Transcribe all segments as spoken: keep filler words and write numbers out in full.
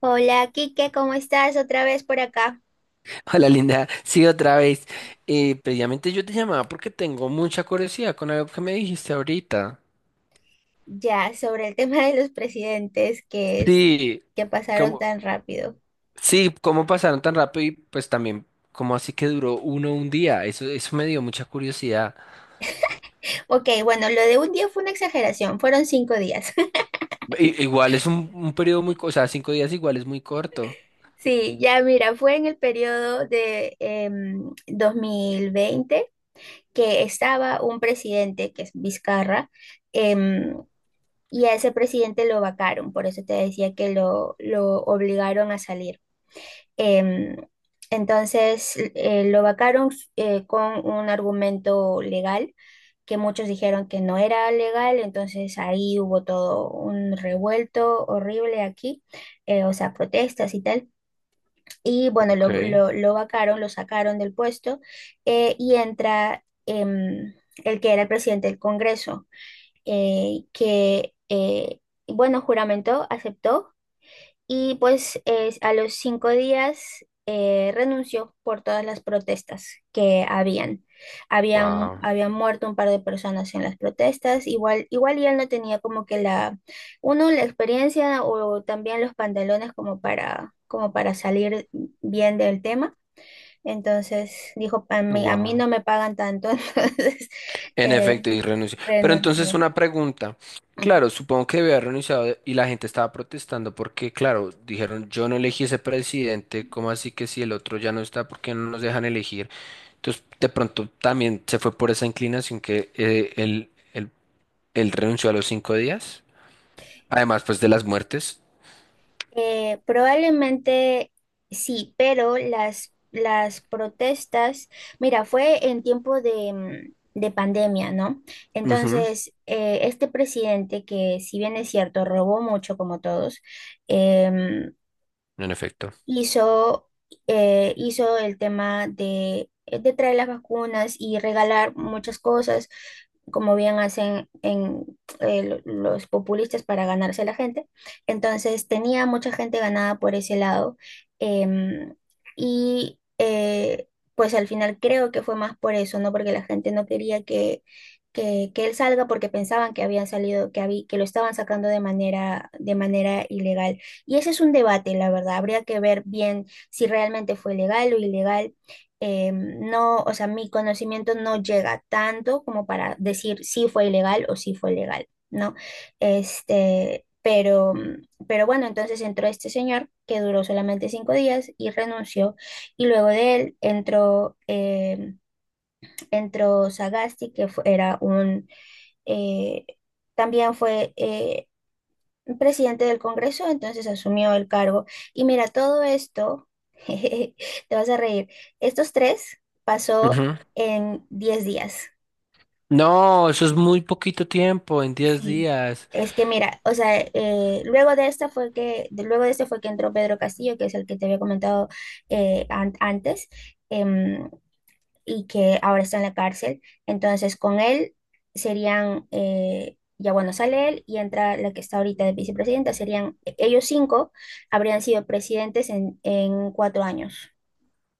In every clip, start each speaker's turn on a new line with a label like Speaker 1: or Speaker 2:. Speaker 1: Hola, Kike, ¿cómo estás? Otra vez por acá.
Speaker 2: Hola Linda, sí otra vez. Eh, previamente yo te llamaba porque tengo mucha curiosidad con algo que me dijiste ahorita.
Speaker 1: Ya, sobre el tema de los presidentes que es
Speaker 2: Sí,
Speaker 1: que pasaron
Speaker 2: como,
Speaker 1: tan rápido.
Speaker 2: sí, cómo pasaron tan rápido y pues también cómo así que duró uno un día. Eso, eso me dio mucha curiosidad.
Speaker 1: Ok, bueno, lo de un día fue una exageración, fueron cinco días.
Speaker 2: I- igual es un, un periodo muy, co- o sea, cinco días igual es muy corto.
Speaker 1: Sí, ya mira, fue en el periodo de em, dos mil veinte, que estaba un presidente, que es Vizcarra. Em, y a ese presidente lo vacaron, por eso te decía que lo, lo obligaron a salir. Em, entonces eh, lo vacaron eh, con un argumento legal que muchos dijeron que no era legal. Entonces ahí hubo todo un revuelto horrible aquí, eh, o sea, protestas y tal. Y bueno,
Speaker 2: Ok,
Speaker 1: lo, lo, lo vacaron, lo sacaron del puesto eh, y entra em, el que era el presidente del Congreso, eh, que, eh, bueno, juramentó, aceptó y pues es- a los cinco días eh, renunció por todas las protestas que habían. Habían,
Speaker 2: wow,
Speaker 1: habían muerto un par de personas en las protestas. Igual, igual, y él no tenía como que la, uno, la experiencia o también los pantalones como para, como para salir bien del tema. Entonces dijo, a mí, a mí
Speaker 2: wow.
Speaker 1: no me pagan tanto, entonces
Speaker 2: En
Speaker 1: eh,
Speaker 2: efecto, y renunció. Pero entonces
Speaker 1: renunció.
Speaker 2: una pregunta. Claro, supongo que había renunciado y la gente estaba protestando porque, claro, dijeron, yo no elegí ese presidente, ¿cómo así que si el otro ya no está, por qué no nos dejan elegir? Entonces, de pronto también se fue por esa inclinación que eh, él, él- él renunció a los cinco días. Además, pues de las muertes.
Speaker 1: Eh, probablemente sí, pero las, las protestas, mira, fue en tiempo de, mm, de pandemia, ¿no?
Speaker 2: Ujú.
Speaker 1: Entonces, eh, este presidente, que si bien es cierto, robó mucho como todos. em,
Speaker 2: En efecto.
Speaker 1: hizo, eh, hizo el tema de, de traer las vacunas y regalar muchas cosas, como bien hacen en, eh, lo- los populistas para ganarse a la gente. Entonces tenía mucha gente ganada por ese lado. em, y eh, pues al final creo que fue más por eso, ¿no? Porque la gente no quería que... Que, que él salga, porque pensaban que habían salido, que, habí- que lo estaban sacando de manera, de manera ilegal. Y ese es un debate, la verdad. Habría que ver bien si realmente fue legal o ilegal. Eh, no, o sea, mi conocimiento no llega tanto como para decir si fue ilegal o si fue legal, ¿no? Este, pero, pero bueno, entonces entró este señor que duró solamente cinco días y renunció. Y luego de él entró, eh, entró Sagasti, que fue- era un... eh, también fue, eh, presidente del Congreso. Entonces asumió el cargo. Y mira, todo esto, jejeje, te vas a reír, estos tres pasó
Speaker 2: Ujú.
Speaker 1: en diez días.
Speaker 2: No, eso es muy poquito tiempo, en diez
Speaker 1: Sí,
Speaker 2: días.
Speaker 1: es que mira, o sea, eh, luego de esta fue que, de- luego de este fue que entró Pedro Castillo, que es el que te había comentado eh, an- antes. em, y que ahora está en la cárcel. Entonces, con él serían, eh, ya bueno, sale él y entra la que está ahorita de vicepresidenta. Serían e- ellos cinco, habrían sido presidentes en, en cuatro años.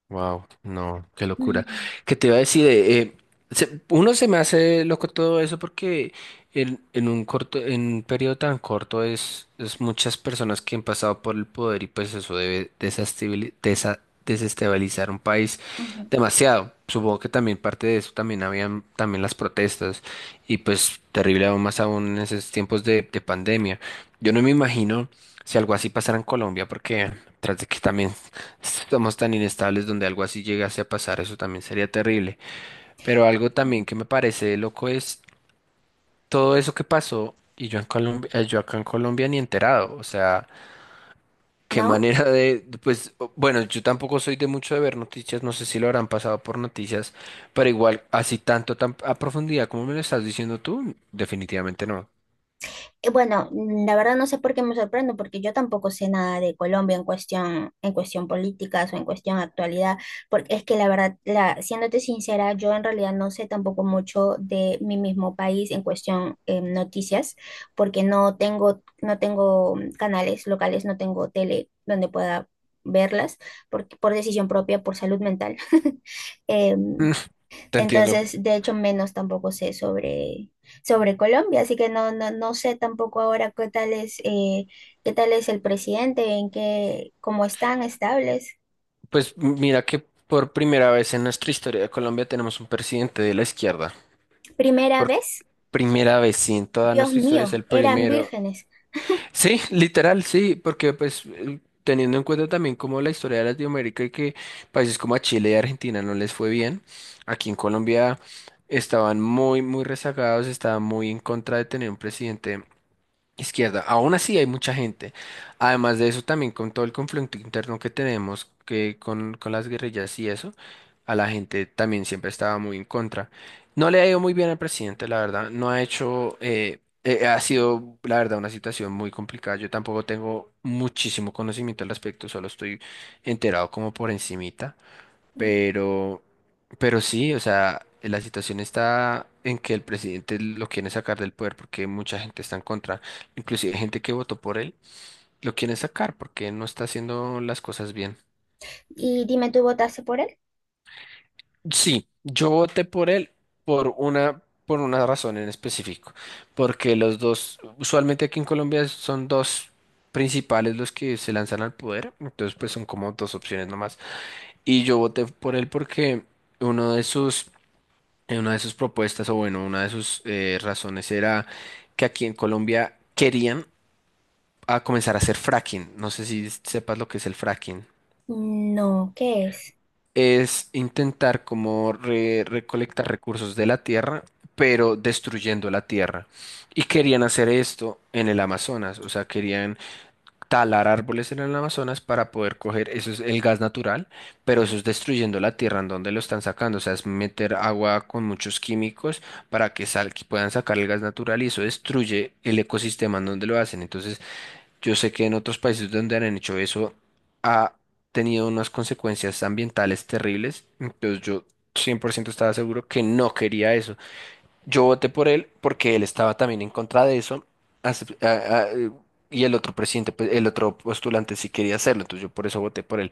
Speaker 2: Wow, no, qué locura.
Speaker 1: Mm,
Speaker 2: ¿Qué te iba a decir? Eh, eh, se- uno se me hace loco todo eso porque en, en un corto, en un periodo tan corto es, es muchas personas que han pasado por el poder y pues eso debe desestabili- desa- desestabilizar un país
Speaker 1: ujú,
Speaker 2: demasiado. Supongo que también parte de eso también habían también las protestas y pues terrible aún más aún en esos tiempos de, de pandemia. Yo no me imagino si algo así pasara en Colombia porque tras de que también somos tan inestables donde algo así llegase a pasar, eso también sería terrible. Pero algo
Speaker 1: ujú.
Speaker 2: también que me parece loco es todo eso que pasó y yo en Colombia, eh, yo acá en Colombia ni enterado. O sea, qué
Speaker 1: ¿No?
Speaker 2: manera de, pues, o- bueno, yo tampoco soy de mucho de ver noticias, no sé si lo habrán pasado por noticias, pero igual así tanto tan a profundidad como me lo estás diciendo tú, definitivamente no.
Speaker 1: Eh, Bueno, mm, la verdad no sé por qué me sorprendo, porque yo tampoco sé nada de Colombia en cuestión, en cuestión, políticas o en cuestión actualidad, porque es que la verdad, la, siéndote sincera, yo en realidad no sé tampoco mucho de mi mismo país en cuestión eh, noticias, porque no tengo, no tengo mm, canales locales, no tengo tele donde pueda verlas, por, por decisión propia, por salud mental.
Speaker 2: Mm.
Speaker 1: Em,
Speaker 2: Te entiendo.
Speaker 1: entonces, de hecho, menos tampoco sé sobre, sobre Colombia, así que no, no, no sé tampoco ahora qué tal es, eh, qué tal es el presidente, en qué, cómo están estables.
Speaker 2: Pues mira que por primera vez en nuestra historia de Colombia tenemos un presidente de la izquierda.
Speaker 1: Primera vez,
Speaker 2: Primera vez sí. En toda
Speaker 1: Dios
Speaker 2: nuestra historia es
Speaker 1: mío,
Speaker 2: el
Speaker 1: eran
Speaker 2: primero.
Speaker 1: vírgenes.
Speaker 2: Sí, literal, sí, porque pues eh, teniendo en cuenta también como la historia de Latinoamérica y que países como a Chile y Argentina no les fue bien, aquí en Colombia estaban muy, muy rezagados, estaban muy en contra de tener un presidente izquierda. Aún así hay mucha gente. Además de eso, también con todo el conflicto interno que tenemos, que con, con las guerrillas y eso, a la gente también siempre estaba muy en contra. No le ha ido muy bien al presidente, la verdad. No ha hecho, eh, eh, ha sido, la verdad, una situación muy complicada. Yo tampoco tengo muchísimo conocimiento al respecto, solo estoy enterado como por encimita.
Speaker 1: Mm.
Speaker 2: Pero, pero sí, o sea, la situación está en que el presidente lo quiere sacar del poder porque mucha gente está en contra. Inclusive gente que votó por él lo quiere sacar porque no está haciendo las cosas bien.
Speaker 1: Y dime, ¿tú votaste por él?
Speaker 2: Sí, yo voté por él por una, por una razón en específico, porque los dos, usualmente aquí en Colombia son dos principales los que se lanzan al poder, entonces pues son como dos opciones nomás. Y yo voté por él porque uno de sus eh, una de sus propuestas, o bueno, una de sus eh, razones era que aquí en Colombia querían a comenzar a hacer fracking. No sé si sepas lo que es el fracking.
Speaker 1: No, ¿qué es?
Speaker 2: Es intentar como re- recolectar recursos de la tierra, pero destruyendo la tierra. Y querían hacer esto en el Amazonas, o sea, querían talar árboles en el Amazonas para poder coger, eso es el gas natural, pero eso es destruyendo la tierra en donde lo están sacando, o sea, es meter agua con muchos químicos para que, sal, que puedan sacar el gas natural y eso destruye el ecosistema en donde lo hacen. Entonces, yo sé que en otros países donde han hecho eso ha tenido unas consecuencias ambientales terribles, entonces yo cien por ciento estaba seguro que no quería eso. Yo voté por él porque él estaba también en contra de eso. acep- a- a- eh, y el otro presidente, pues, el otro postulante sí quería hacerlo, entonces yo por eso voté por él.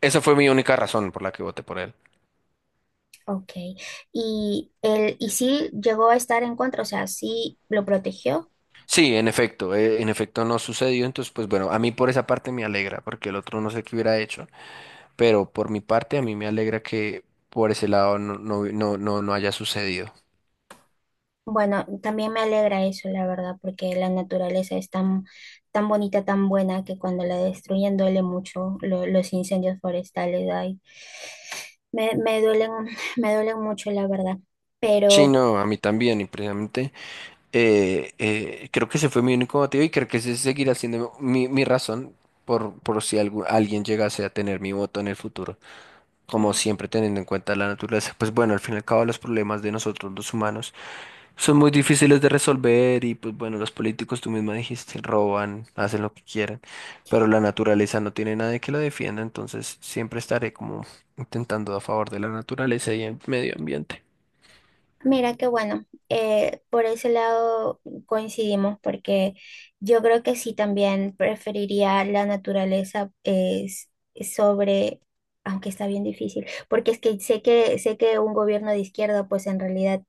Speaker 2: Esa fue mi única razón por la que voté por él.
Speaker 1: Ok. Y él, y sí llegó a estar en contra, o sea, sí lo protegió.
Speaker 2: Sí, en efecto, eh, en efecto no sucedió, entonces pues bueno, a mí por esa parte me alegra, porque el otro no sé qué hubiera hecho, pero por mi parte a mí me alegra que por ese lado no, no, no, no, no haya sucedido.
Speaker 1: Bueno, también me alegra eso, la verdad, porque la naturaleza es tan, tan bonita, tan buena, que cuando la destruyen duele mucho lo- los incendios forestales. Ay, me, me duelen, me duelen mucho, la verdad.
Speaker 2: Sí,
Speaker 1: Pero
Speaker 2: no, a mí también, precisamente. Eh, eh, creo que ese fue mi único motivo y creo que ese seguirá siendo mi, mi razón por, por si algu- alguien llegase a tener mi voto en el futuro. Como
Speaker 1: mm,
Speaker 2: siempre teniendo en cuenta la naturaleza, pues bueno, al fin y al cabo los problemas de nosotros los humanos son muy difíciles de resolver y pues bueno, los políticos, tú misma dijiste, roban, hacen lo que quieren pero la naturaleza no tiene nadie que la defienda, entonces siempre estaré como intentando a favor de la naturaleza y el medio ambiente.
Speaker 1: mira qué bueno, eh, por ese lado coincidimos, porque yo creo que sí también preferiría la naturaleza eh, s- sobre, aunque está bien difícil. Porque es que sé que sé que un gobierno de izquierda, pues en realidad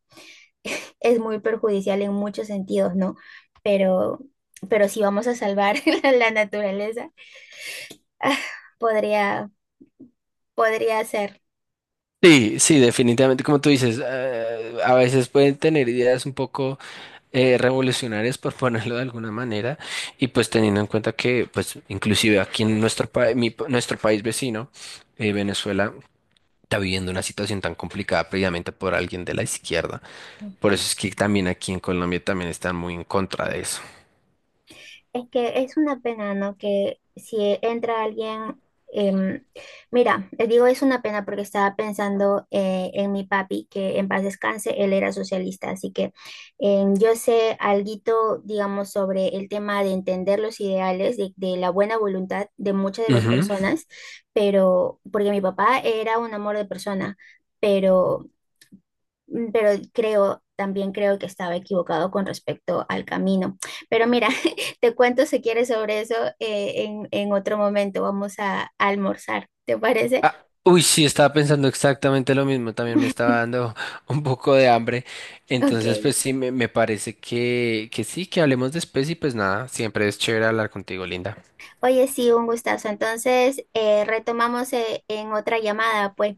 Speaker 1: es muy perjudicial en muchos sentidos, ¿no? Pero, pero si vamos a salvar la, la naturaleza, ah, podría, podría ser.
Speaker 2: Sí, sí, definitivamente, como tú dices, eh, a veces pueden tener ideas un poco eh, revolucionarias, por ponerlo de alguna manera, y pues teniendo en cuenta que, pues, inclusive aquí en nuestro, país, nuestro país vecino, eh, Venezuela, está viviendo una situación tan complicada previamente por alguien de la izquierda. Por
Speaker 1: Ujú.
Speaker 2: eso es que también aquí en Colombia también están muy en contra de eso.
Speaker 1: Es que es una pena, ¿no? Que si entra alguien, em, mira, les digo, es una pena porque estaba pensando eh, en mi papi, que en paz descanse. Él era socialista, así que em, yo sé alguito, digamos, sobre el tema de entender los ideales, de, de la buena voluntad de muchas de las
Speaker 2: Ujú.
Speaker 1: personas, pero porque mi papá era un amor de persona. Pero mm, pero creo, también creo que estaba equivocado con respecto al camino. Pero mira, te cuento si quieres sobre eso eh, en, en otro momento. Vamos a almorzar, ¿te parece?
Speaker 2: Ah, uy, sí, estaba pensando exactamente lo mismo. También me estaba dando un poco de hambre.
Speaker 1: Ok.
Speaker 2: Entonces, pues sí, me, me parece que, que sí, que hablemos después y pues nada, siempre es chévere hablar contigo, Linda.
Speaker 1: Oye, sí, un gustazo. Entonces, eh, retomamos eh, en otra llamada, pues.